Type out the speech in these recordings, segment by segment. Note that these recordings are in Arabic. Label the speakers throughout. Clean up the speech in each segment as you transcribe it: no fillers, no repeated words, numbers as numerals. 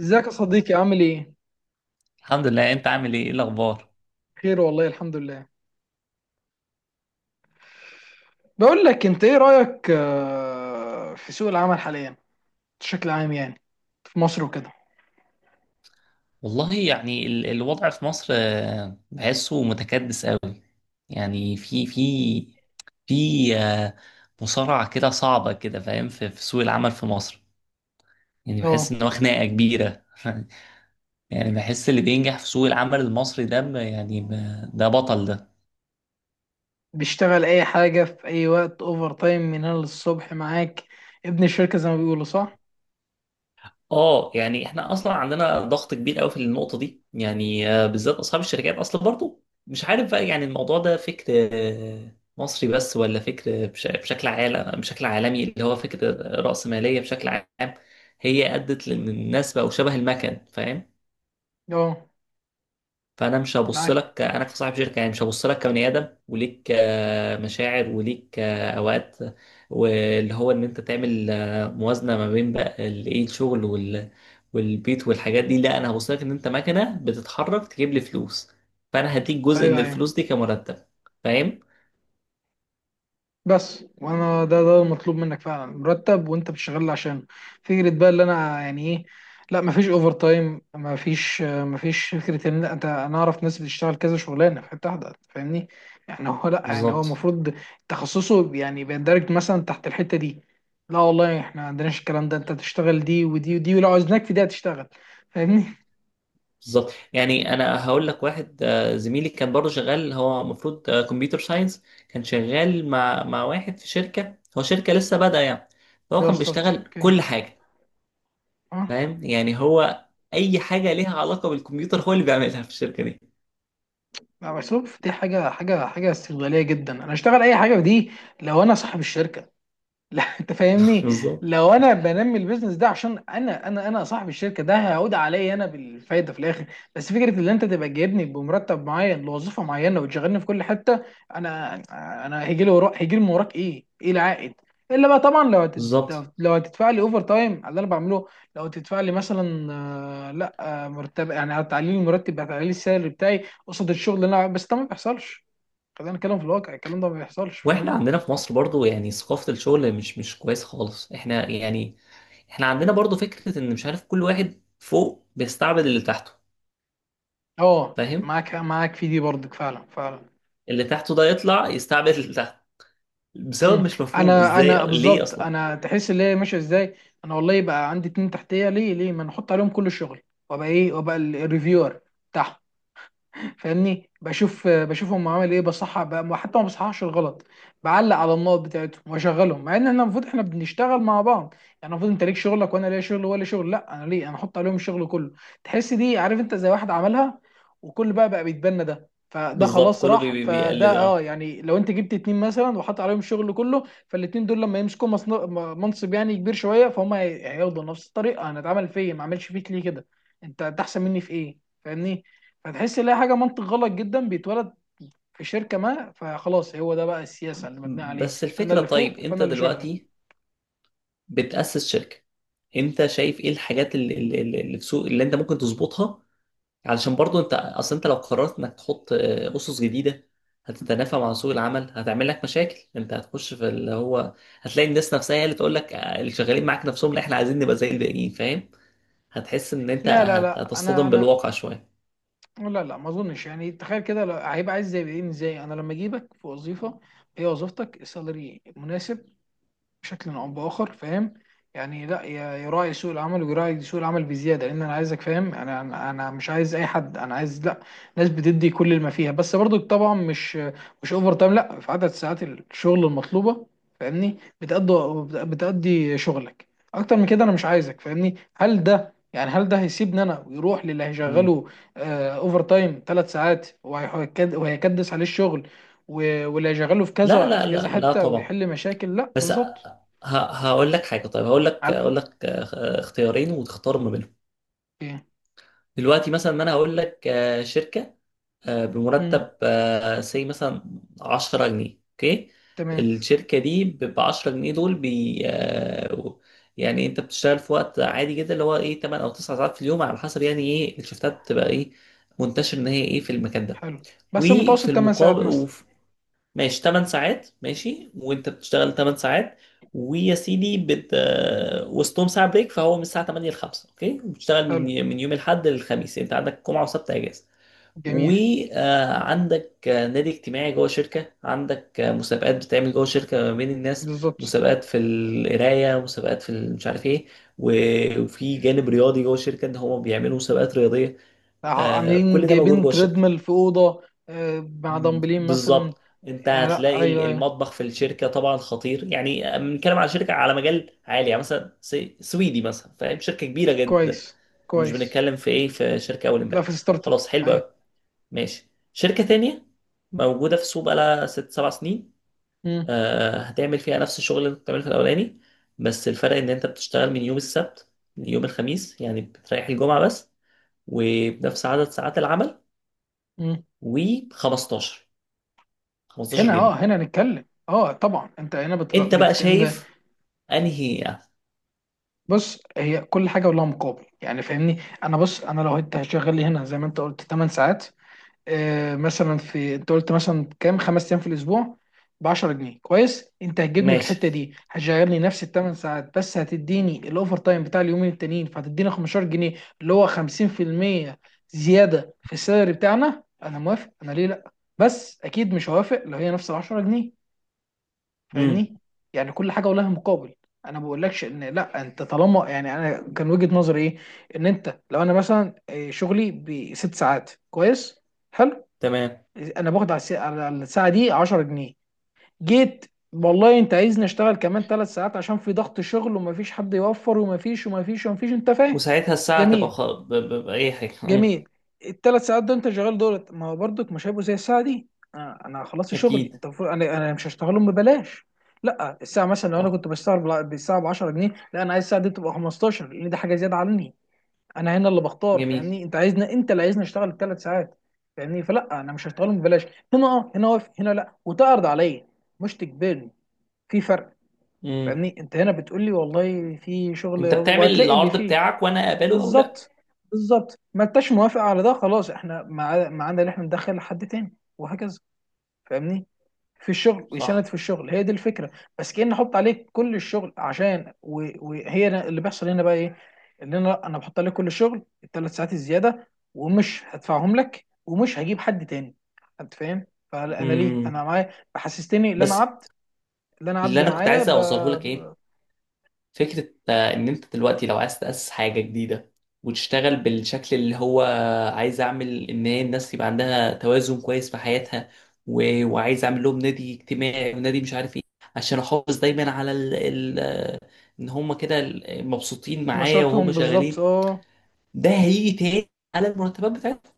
Speaker 1: ازيك يا صديقي عامل ايه؟
Speaker 2: الحمد لله، انت عامل ايه؟ ايه الاخبار؟
Speaker 1: خير والله الحمد لله. بقول لك انت ايه رأيك، في سوق العمل حاليا بشكل عام، يعني في مصر وكده؟
Speaker 2: والله يعني الوضع في مصر بحسه متكدس قوي. يعني في في آه، مصارعة كده صعبة كده، فاهم؟ في سوق العمل في مصر، يعني بحس
Speaker 1: اه،
Speaker 2: ان هو خناقة كبيرة. يعني بحس اللي بينجح في سوق العمل المصري ده، ده بطل ده.
Speaker 1: بيشتغل اي حاجة في اي وقت، اوفر تايم من هنا للصبح معاك، ابن الشركة زي ما بيقولوا، صح؟
Speaker 2: اه، يعني احنا اصلا عندنا ضغط كبير قوي في النقطه دي، يعني بالذات اصحاب الشركات اصلا. برضو مش عارف بقى، يعني الموضوع ده فكر مصري بس، ولا فكر بشكل عالمي، اللي هو فكره رأسماليه بشكل عام. هي ادت لان الناس بقوا شبه المكن، فاهم؟
Speaker 1: اه،
Speaker 2: فانا مش هبص
Speaker 1: معاك.
Speaker 2: لك انا كصاحب شركه، يعني مش هبص لك كبني ادم وليك مشاعر وليك اوقات، واللي هو ان انت تعمل موازنه ما بين بقى ال- ايه الشغل والبيت والحاجات دي. لا، انا هبص لك ان انت مكنه بتتحرك تجيب لي فلوس، فانا هديك جزء من
Speaker 1: ايوه، ايوه.
Speaker 2: الفلوس دي كمرتب. فاهم؟
Speaker 1: بس وانا ده المطلوب منك فعلا، مرتب وانت بتشتغل عشان، فكره بقى اللي انا يعني ايه. لا، مفيش اوفر تايم، مفيش فكره ان انت، انا اعرف ناس بتشتغل كذا شغلانه في حته واحده، فاهمني؟ يعني هو، لا يعني هو
Speaker 2: بالظبط،
Speaker 1: المفروض تخصصه يعني بيندرج مثلا تحت الحته دي. لا والله، احنا ما عندناش الكلام ده، انت تشتغل دي ودي ودي، ولو عاوزناك في دي هتشتغل، فاهمني؟
Speaker 2: بالظبط. يعني انا هقول لك، واحد زميلي كان برضه شغال، هو المفروض كمبيوتر ساينس. كان شغال مع واحد في شركه، هو شركه لسه بادئه يعني. فهو
Speaker 1: ده هو
Speaker 2: كان
Speaker 1: ستارت اب.
Speaker 2: بيشتغل
Speaker 1: اوكي.
Speaker 2: كل حاجه.
Speaker 1: اه.
Speaker 2: فاهم؟ يعني هو اي حاجه ليها علاقه بالكمبيوتر هو اللي بيعملها في الشركه دي.
Speaker 1: لا بس شوف، دي حاجه استغلاليه جدا، انا اشتغل اي حاجه في دي لو انا صاحب الشركه. لا انت فاهمني،
Speaker 2: بالظبط،
Speaker 1: لو انا بنمي البيزنس ده عشان انا صاحب الشركه، ده هيعود عليا انا بالفايده في الاخر. بس فكره ان انت تبقى جايبني بمرتب معين لوظيفه معينه وتشغلني في كل حته، انا انا هيجي لي وراك، هيجي لي من وراك ايه، ايه العائد؟ الا بقى طبعا
Speaker 2: بالظبط.
Speaker 1: لو هتدفع لي اوفر تايم على اللي انا بعمله، لو هتدفع لي مثلا، لا مرتب، يعني هتعلي لي المرتب، هتعلي لي السالري بتاعي قصاد الشغل اللي انا، بس ده ما بيحصلش. خلينا نتكلم في الواقع، الكلام ده ما بيحصلش.
Speaker 2: واحنا عندنا في مصر برضه، يعني ثقافه الشغل مش كويسه خالص. احنا يعني احنا عندنا برضه فكره ان، مش عارف، كل واحد فوق بيستعبد اللي تحته.
Speaker 1: اه
Speaker 2: فاهم؟
Speaker 1: معاك، معاك في دي برضك، فعلا فعلا.
Speaker 2: اللي تحته ده يطلع يستعبد اللي تحته، بسبب
Speaker 1: امم.
Speaker 2: مش مفهوم
Speaker 1: انا
Speaker 2: ازاي،
Speaker 1: انا
Speaker 2: ليه
Speaker 1: بالظبط،
Speaker 2: اصلا؟
Speaker 1: انا تحس اللي هي ماشيه ازاي، انا والله يبقى عندي اتنين تحتيه، ليه ما نحط عليهم كل الشغل؟ وابقى ايه، وابقى الريفيور بتاعهم، فاهمني؟ بشوف بشوفهم عامل ايه، بصحح بقى، حتى ما بصححش الغلط، بعلق على النقط بتاعتهم واشغلهم، مع ان احنا المفروض احنا بنشتغل مع بعض. يعني المفروض انت ليك شغلك وانا ليا شغل ولا شغل. لا انا ليه انا احط عليهم الشغل كله؟ تحس دي، عارف انت، زي واحد عملها، وكل بقى بيتبنى، ده فده
Speaker 2: بالظبط،
Speaker 1: خلاص
Speaker 2: كله
Speaker 1: راح
Speaker 2: بيقلد.
Speaker 1: فده. اه
Speaker 2: اه.
Speaker 1: يعني لو انت جبت اتنين مثلا وحط عليهم الشغل كله، فالاتنين دول لما يمسكوا منصب يعني كبير شويه، فهم هياخدوا نفس الطريقه، انا اتعمل فيا، ما عملش فيك ليه كده؟ انت، انت احسن مني في ايه؟ فاهمني؟ فتحس ان هي حاجه منطق غلط جدا بيتولد في شركه ما، فخلاص هو ده بقى السياسه اللي مبنيه عليه،
Speaker 2: بس
Speaker 1: انا
Speaker 2: الفكره،
Speaker 1: اللي
Speaker 2: طيب،
Speaker 1: فوق
Speaker 2: انت
Speaker 1: فانا اللي شغال.
Speaker 2: دلوقتي بتأسس شركه، انت شايف ايه الحاجات اللي في سوق، اللي انت ممكن تظبطها؟ علشان برضو انت، اصل انت لو قررت انك تحط اسس جديده، هتتنافى مع سوق العمل، هتعمل لك مشاكل. انت هتخش في اللي هو، هتلاقي الناس نفسها هي اللي تقول لك اللي شغالين معاك نفسهم، لا احنا عايزين نبقى زي الباقيين. فاهم؟ هتحس ان انت
Speaker 1: لا لا لا، انا
Speaker 2: هتصطدم
Speaker 1: انا
Speaker 2: بالواقع شويه.
Speaker 1: لا لا، ما اظنش. يعني تخيل كده، هيبقى عايز زي ايه، ازاي انا لما اجيبك في وظيفه، هي وظيفتك، السالري مناسب بشكل او باخر، فاهم؟ يعني لا يراعي سوق العمل، ويراعي سوق العمل بزياده، لان انا عايزك، فاهم؟ انا مش عايز اي حد، انا عايز لا، ناس بتدي كل ما فيها، بس برضو طبعا مش، اوفر تايم، لا في عدد ساعات الشغل المطلوبه فاهمني، بتأدي شغلك، اكتر من كده انا مش عايزك فاهمني. هل ده يعني، هل ده هيسيبني انا ويروح للي
Speaker 2: مم.
Speaker 1: هيشغله اوفر تايم ثلاث ساعات، وهيكد- وهيكدس عليه الشغل، واللي هيشغله في
Speaker 2: لا،
Speaker 1: كذا
Speaker 2: لا،
Speaker 1: في كذا
Speaker 2: لا، لا،
Speaker 1: حته
Speaker 2: طبعا.
Speaker 1: ويحل مشاكل؟ لا
Speaker 2: بس
Speaker 1: بالظبط.
Speaker 2: هقول لك حاجه. طيب،
Speaker 1: على
Speaker 2: هقول لك اختيارين وتختار ما بينهم.
Speaker 1: ايه؟
Speaker 2: دلوقتي مثلا، ما انا هقول لك شركه
Speaker 1: مم.
Speaker 2: بمرتب سي مثلا 10 جنيه، اوكي؟
Speaker 1: تمام.
Speaker 2: الشركه دي ب 10 جنيه دول بي آه، يعني انت بتشتغل في وقت عادي جدا، اللي هو ايه، 8 او 9 ساعات في اليوم، على حسب يعني ايه الشفتات، بتبقى ايه منتشر ان هي ايه في المكان ده.
Speaker 1: حلو بس
Speaker 2: وفي
Speaker 1: المتوسط 8
Speaker 2: المقابل،
Speaker 1: ساعات مثلا.
Speaker 2: ماشي 8 ساعات، ماشي، وانت بتشتغل 8 ساعات ويا سيدي، بت آه، وسطهم ساعة بريك، فهو من الساعة 8 ل 5، اوكي؟ بتشتغل من
Speaker 1: حلو،
Speaker 2: يوم الاحد للخميس، يعني انت عندك جمعة وسبت اجازة.
Speaker 1: جميل،
Speaker 2: وعندك نادي اجتماعي جوه شركة، عندك مسابقات بتعمل جوه شركة ما بين الناس،
Speaker 1: بالظبط.
Speaker 2: مسابقات في القراية، مسابقات في مش عارف ايه، وفي جانب رياضي جوه الشركة، ان هم بيعملوا مسابقات رياضية.
Speaker 1: عاملين
Speaker 2: كل ده موجود
Speaker 1: جايبين
Speaker 2: جوه الشركة.
Speaker 1: تريدميل في اوضه، مع دمبلين مثلا.
Speaker 2: بالظبط. انت
Speaker 1: يعني لا،
Speaker 2: هتلاقي
Speaker 1: ايوه ايوه،
Speaker 2: المطبخ في الشركه طبعا خطير، يعني بنتكلم على شركه على مجال عالي، يعني مثلا سويدي مثلا، فاهم؟ شركه كبيره جدا.
Speaker 1: كويس
Speaker 2: يعني مش
Speaker 1: كويس.
Speaker 2: بنتكلم في ايه، في شركه اول
Speaker 1: لا
Speaker 2: امبارح.
Speaker 1: في ستارت اب.
Speaker 2: خلاص، حلو
Speaker 1: ايوه.
Speaker 2: قوي. ماشي، شركه تانية موجوده في السوق بقالها 6 7 سنين.
Speaker 1: مم.
Speaker 2: آه، هتعمل فيها نفس الشغل اللي انت بتعمله في الاولاني، بس الفرق ان انت بتشتغل من يوم السبت ليوم الخميس، يعني بتريح الجمعه بس، وبنفس عدد ساعات العمل،
Speaker 1: مم.
Speaker 2: و15 15
Speaker 1: هنا اه،
Speaker 2: جنيه.
Speaker 1: هنا نتكلم اه طبعا. انت هنا
Speaker 2: انت بقى
Speaker 1: انت.
Speaker 2: شايف انهي؟
Speaker 1: بص، هي كل حاجه ولها مقابل يعني فاهمني. انا بص، انا لو انت هتشغل لي هنا زي ما انت قلت 8 ساعات، مثلا في انت قلت مثلا كام، خمس ايام في الاسبوع ب 10 جنيه، كويس. انت هتجيبني في
Speaker 2: ماشي.
Speaker 1: الحته دي هتشغلني نفس الثمان ساعات، بس هتديني الاوفر تايم بتاع اليومين التانيين، فهتديني 15 جنيه، اللي هو 50% زياده في السالري بتاعنا. انا موافق، انا ليه لا؟ بس اكيد مش هوافق لو هي نفس ال 10 جنيه،
Speaker 2: امم.
Speaker 1: فاهمني؟ يعني كل حاجه ولها مقابل. انا ما بقولكش ان لا انت طالما، يعني انا كان وجهه نظري ايه، ان انت لو انا مثلا شغلي بست ساعات كويس حلو،
Speaker 2: تمام.
Speaker 1: انا باخد على على الساعه دي 10 جنيه. جيت، والله انت عايزني اشتغل كمان ثلاث ساعات عشان في ضغط شغل، ومفيش حد يوفر، ومفيش، انت فاهم؟
Speaker 2: وساعتها الساعة تبقى
Speaker 1: جميل،
Speaker 2: بأي حاجة. امم.
Speaker 1: جميل. الثلاث ساعات دول انت شغال دولت، ما هو برضك مش هيبقوا زي الساعه دي. انا، أنا خلصت شغلي،
Speaker 2: أكيد.
Speaker 1: انت المفروض، انا مش هشتغلهم ببلاش. لا الساعه مثلا، لو انا
Speaker 2: صح.
Speaker 1: كنت بشتغل بالساعه ب 10 جنيه، لا انا عايز الساعه دي تبقى 15، لان دي حاجه زياده عني. انا هنا اللي بختار
Speaker 2: جميل.
Speaker 1: فاهمني، انت عايزنا، انت اللي عايزني اشتغل الثلاث ساعات فاهمني، فلا انا مش هشتغلهم ببلاش. هنا اه، هنا واقف، هنا لا، وتعرض عليا مش تجبرني، في فرق.
Speaker 2: امم.
Speaker 1: فاهمني؟ انت هنا بتقول لي والله في شغل،
Speaker 2: انت بتعمل
Speaker 1: وهتلاقي اللي
Speaker 2: العرض
Speaker 1: فيه.
Speaker 2: بتاعك وانا اقبله او لا.
Speaker 1: بالظبط، بالظبط. ما انتش موافق على ده خلاص، احنا ما عندنا، اللي احنا ندخل حد تاني وهكذا فاهمني، في الشغل ويساند
Speaker 2: صح.
Speaker 1: في الشغل، هي دي الفكره. بس كأن احط عليك كل الشغل عشان، اللي بيحصل هنا بقى ايه؟ ان انا بحط عليك كل الشغل الثلاث ساعات الزياده، ومش هدفعهم لك، ومش هجيب حد تاني، انت فاهم؟ فانا ليه انا
Speaker 2: امم.
Speaker 1: معايا حسستني ان انا
Speaker 2: بس
Speaker 1: عبد، اللي انا
Speaker 2: اللي
Speaker 1: عبد
Speaker 2: انا كنت
Speaker 1: معايا
Speaker 2: عايز اوصله لك، ايه، فكرة إن أنت دلوقتي لو عايز تأسس حاجة جديدة وتشتغل بالشكل اللي هو، عايز أعمل إن هي الناس يبقى عندها توازن كويس في حياتها، وعايز أعمل لهم نادي اجتماعي، ونادي مش عارف إيه، عشان أحافظ دايما على ال... ال... آه، إن هم كده مبسوطين معايا وهم
Speaker 1: نشاطهم بالظبط
Speaker 2: شغالين.
Speaker 1: اه.
Speaker 2: ده هيجي تاني على المرتبات بتاعتهم.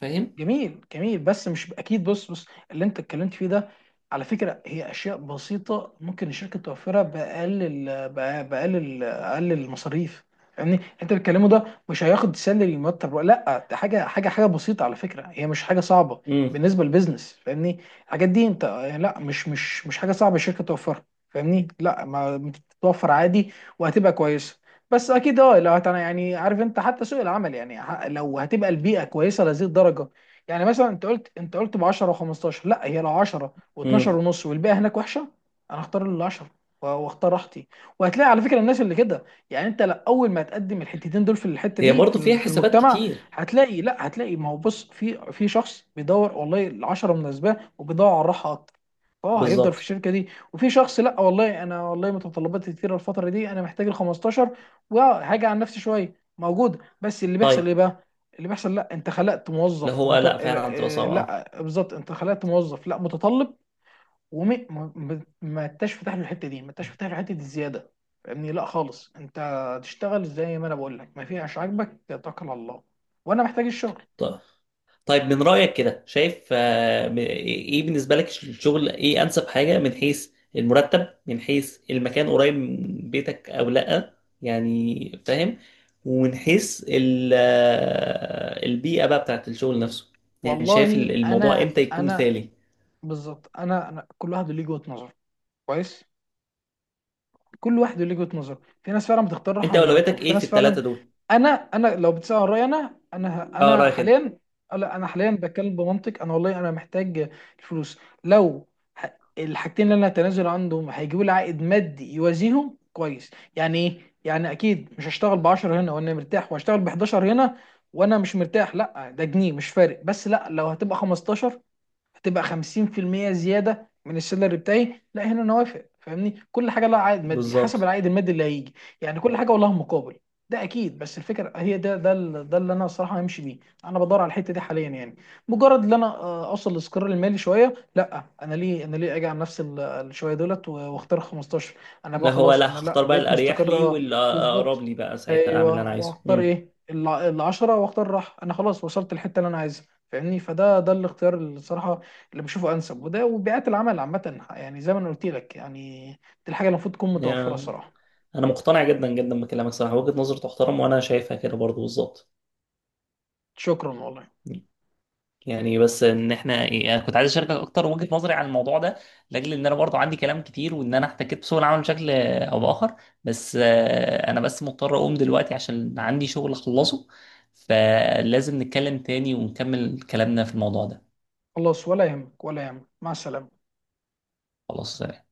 Speaker 2: فاهم؟
Speaker 1: جميل، جميل، بس مش اكيد. بص بص، اللي انت اتكلمت فيه ده، على فكره، هي اشياء بسيطه ممكن الشركه توفرها باقل باقل اقل المصاريف. يعني انت بتتكلمه ده مش هياخد سالري، مرتب ولا لا، ده حاجه بسيطه على فكره، هي مش حاجه صعبه
Speaker 2: امم.
Speaker 1: بالنسبه للبيزنس فاهمني. الحاجات دي انت، لا مش مش حاجه صعبه الشركه توفرها فاهمني، لا ما بتتوفر عادي وهتبقى كويسه. بس اكيد اه يعني عارف انت حتى سوق العمل، يعني لو هتبقى البيئه كويسه لهذه الدرجه. يعني مثلا انت قلت، ب 10 و15، لا هي لو 10 و12
Speaker 2: امم.
Speaker 1: ونص والباقي هناك وحشه، انا هختار ال 10 واختار راحتي. وهتلاقي على فكره الناس اللي كده، يعني انت لا، اول ما تقدم الحتتين دول في الحته
Speaker 2: هي
Speaker 1: دي في
Speaker 2: برضو فيها
Speaker 1: في
Speaker 2: حسابات
Speaker 1: المجتمع،
Speaker 2: كتير.
Speaker 1: هتلاقي، لا هتلاقي. ما هو بص في، في شخص بيدور والله ال 10 مناسباه وبيدور على الراحه اكتر، اه هيفضل في
Speaker 2: بالظبط.
Speaker 1: الشركه دي. وفي شخص لا والله، انا والله متطلباتي كتيره الفتره دي، انا محتاج ال 15 وهاجي عن نفسي شويه، موجود، بس اللي بيحصل
Speaker 2: طيب.
Speaker 1: ايه بقى؟ اللي بيحصل لا انت خلقت
Speaker 2: اللي
Speaker 1: موظف
Speaker 2: هو
Speaker 1: مت... آه،
Speaker 2: لا، فعلا بتبقى
Speaker 1: آه،
Speaker 2: صعبة.
Speaker 1: لا بالظبط، انت خلقت موظف لا متطلب، وما ما ما انتش فاتح له الحته دي، ما انتش فاتح له حته الزياده فاهمني، لا خالص، انت تشتغل زي ما انا بقول لك ما فيهاش، عاجبك توكل على الله، وانا محتاج الشغل.
Speaker 2: طيب. طيب. من رأيك كده، شايف ايه بالنسبة لك الشغل، ايه انسب حاجة؟ من حيث المرتب، من حيث المكان، قريب من بيتك او لا، يعني فاهم، ومن حيث البيئة بقى بتاعت الشغل نفسه. يعني شايف
Speaker 1: والله
Speaker 2: الموضوع
Speaker 1: انا
Speaker 2: امتى يكون
Speaker 1: انا
Speaker 2: مثالي؟
Speaker 1: بالظبط، انا كل واحد ليه وجهه نظر، كويس. كل واحد ليه وجهه نظر، في ناس فعلا بتختار راحه
Speaker 2: انت
Speaker 1: من مرتبه،
Speaker 2: اولوياتك
Speaker 1: وفي
Speaker 2: ايه في
Speaker 1: ناس فعلا.
Speaker 2: الثلاثة دول؟
Speaker 1: انا لو بتسال عن رايي، انا انا
Speaker 2: اه،
Speaker 1: انا
Speaker 2: رأيك انت.
Speaker 1: حاليا، لا انا حاليا بتكلم بمنطق، انا والله انا محتاج الفلوس، لو الحاجتين اللي انا هتنازل عنهم هيجيبوا لي عائد مادي يوازيهم كويس، يعني ايه يعني، اكيد مش هشتغل ب 10 هنا وانا مرتاح، وهشتغل ب 11 هنا وانا مش مرتاح، لا ده جنيه مش فارق. بس لا لو هتبقى 15 هتبقى 50% زياده من السالري بتاعي، لا هنا انا وافق فاهمني، كل حاجه لها عائد مادي حسب
Speaker 2: بالظبط،
Speaker 1: العائد المادي اللي هيجي. يعني كل حاجه ولها مقابل ده اكيد. بس الفكره هي ده اللي انا الصراحه همشي بيه، انا بدور على الحته دي حاليا يعني، مجرد ان انا اوصل للاستقرار المالي شويه، لا انا ليه، انا ليه اجي على نفس الشويه دولت واختار 15، انا بقى
Speaker 2: لا، هو
Speaker 1: خلاص
Speaker 2: لا،
Speaker 1: انا، لا
Speaker 2: هختار بقى
Speaker 1: بقيت
Speaker 2: الاريح
Speaker 1: مستقر
Speaker 2: لي
Speaker 1: اه بالظبط.
Speaker 2: والاقرب لي بقى، ساعتها اعمل اللي انا
Speaker 1: ايوه
Speaker 2: عايزه.
Speaker 1: واختار ايه، ال 10 واختار راحه، انا خلاص وصلت الحته اللي انا عايزها فاهمني، فده ده الاختيار الصراحه اللي بشوفه انسب. وده وبيئات العمل عامه، يعني زي ما انا قلت لك يعني، دي الحاجه اللي المفروض تكون متوفره
Speaker 2: امم.
Speaker 1: صراحه.
Speaker 2: انا مقتنع جدا جدا بكلامك، صراحه وجهه نظر تحترم وانا شايفها كده برضو بالظبط.
Speaker 1: شكرا والله.
Speaker 2: يعني بس ان احنا ايه، انا كنت عايز اشاركك اكتر وجهه نظري عن الموضوع ده، لاجل ان انا برضو عندي كلام كتير وان انا احتكيت بسوق العمل بشكل او باخر. بس انا بس مضطر اقوم دلوقتي عشان عندي شغل اخلصه، فلازم نتكلم تاني ونكمل كلامنا في الموضوع ده.
Speaker 1: خلاص ولا يهمك، ولا يهمك، مع السلامه.
Speaker 2: خلاص، سلام.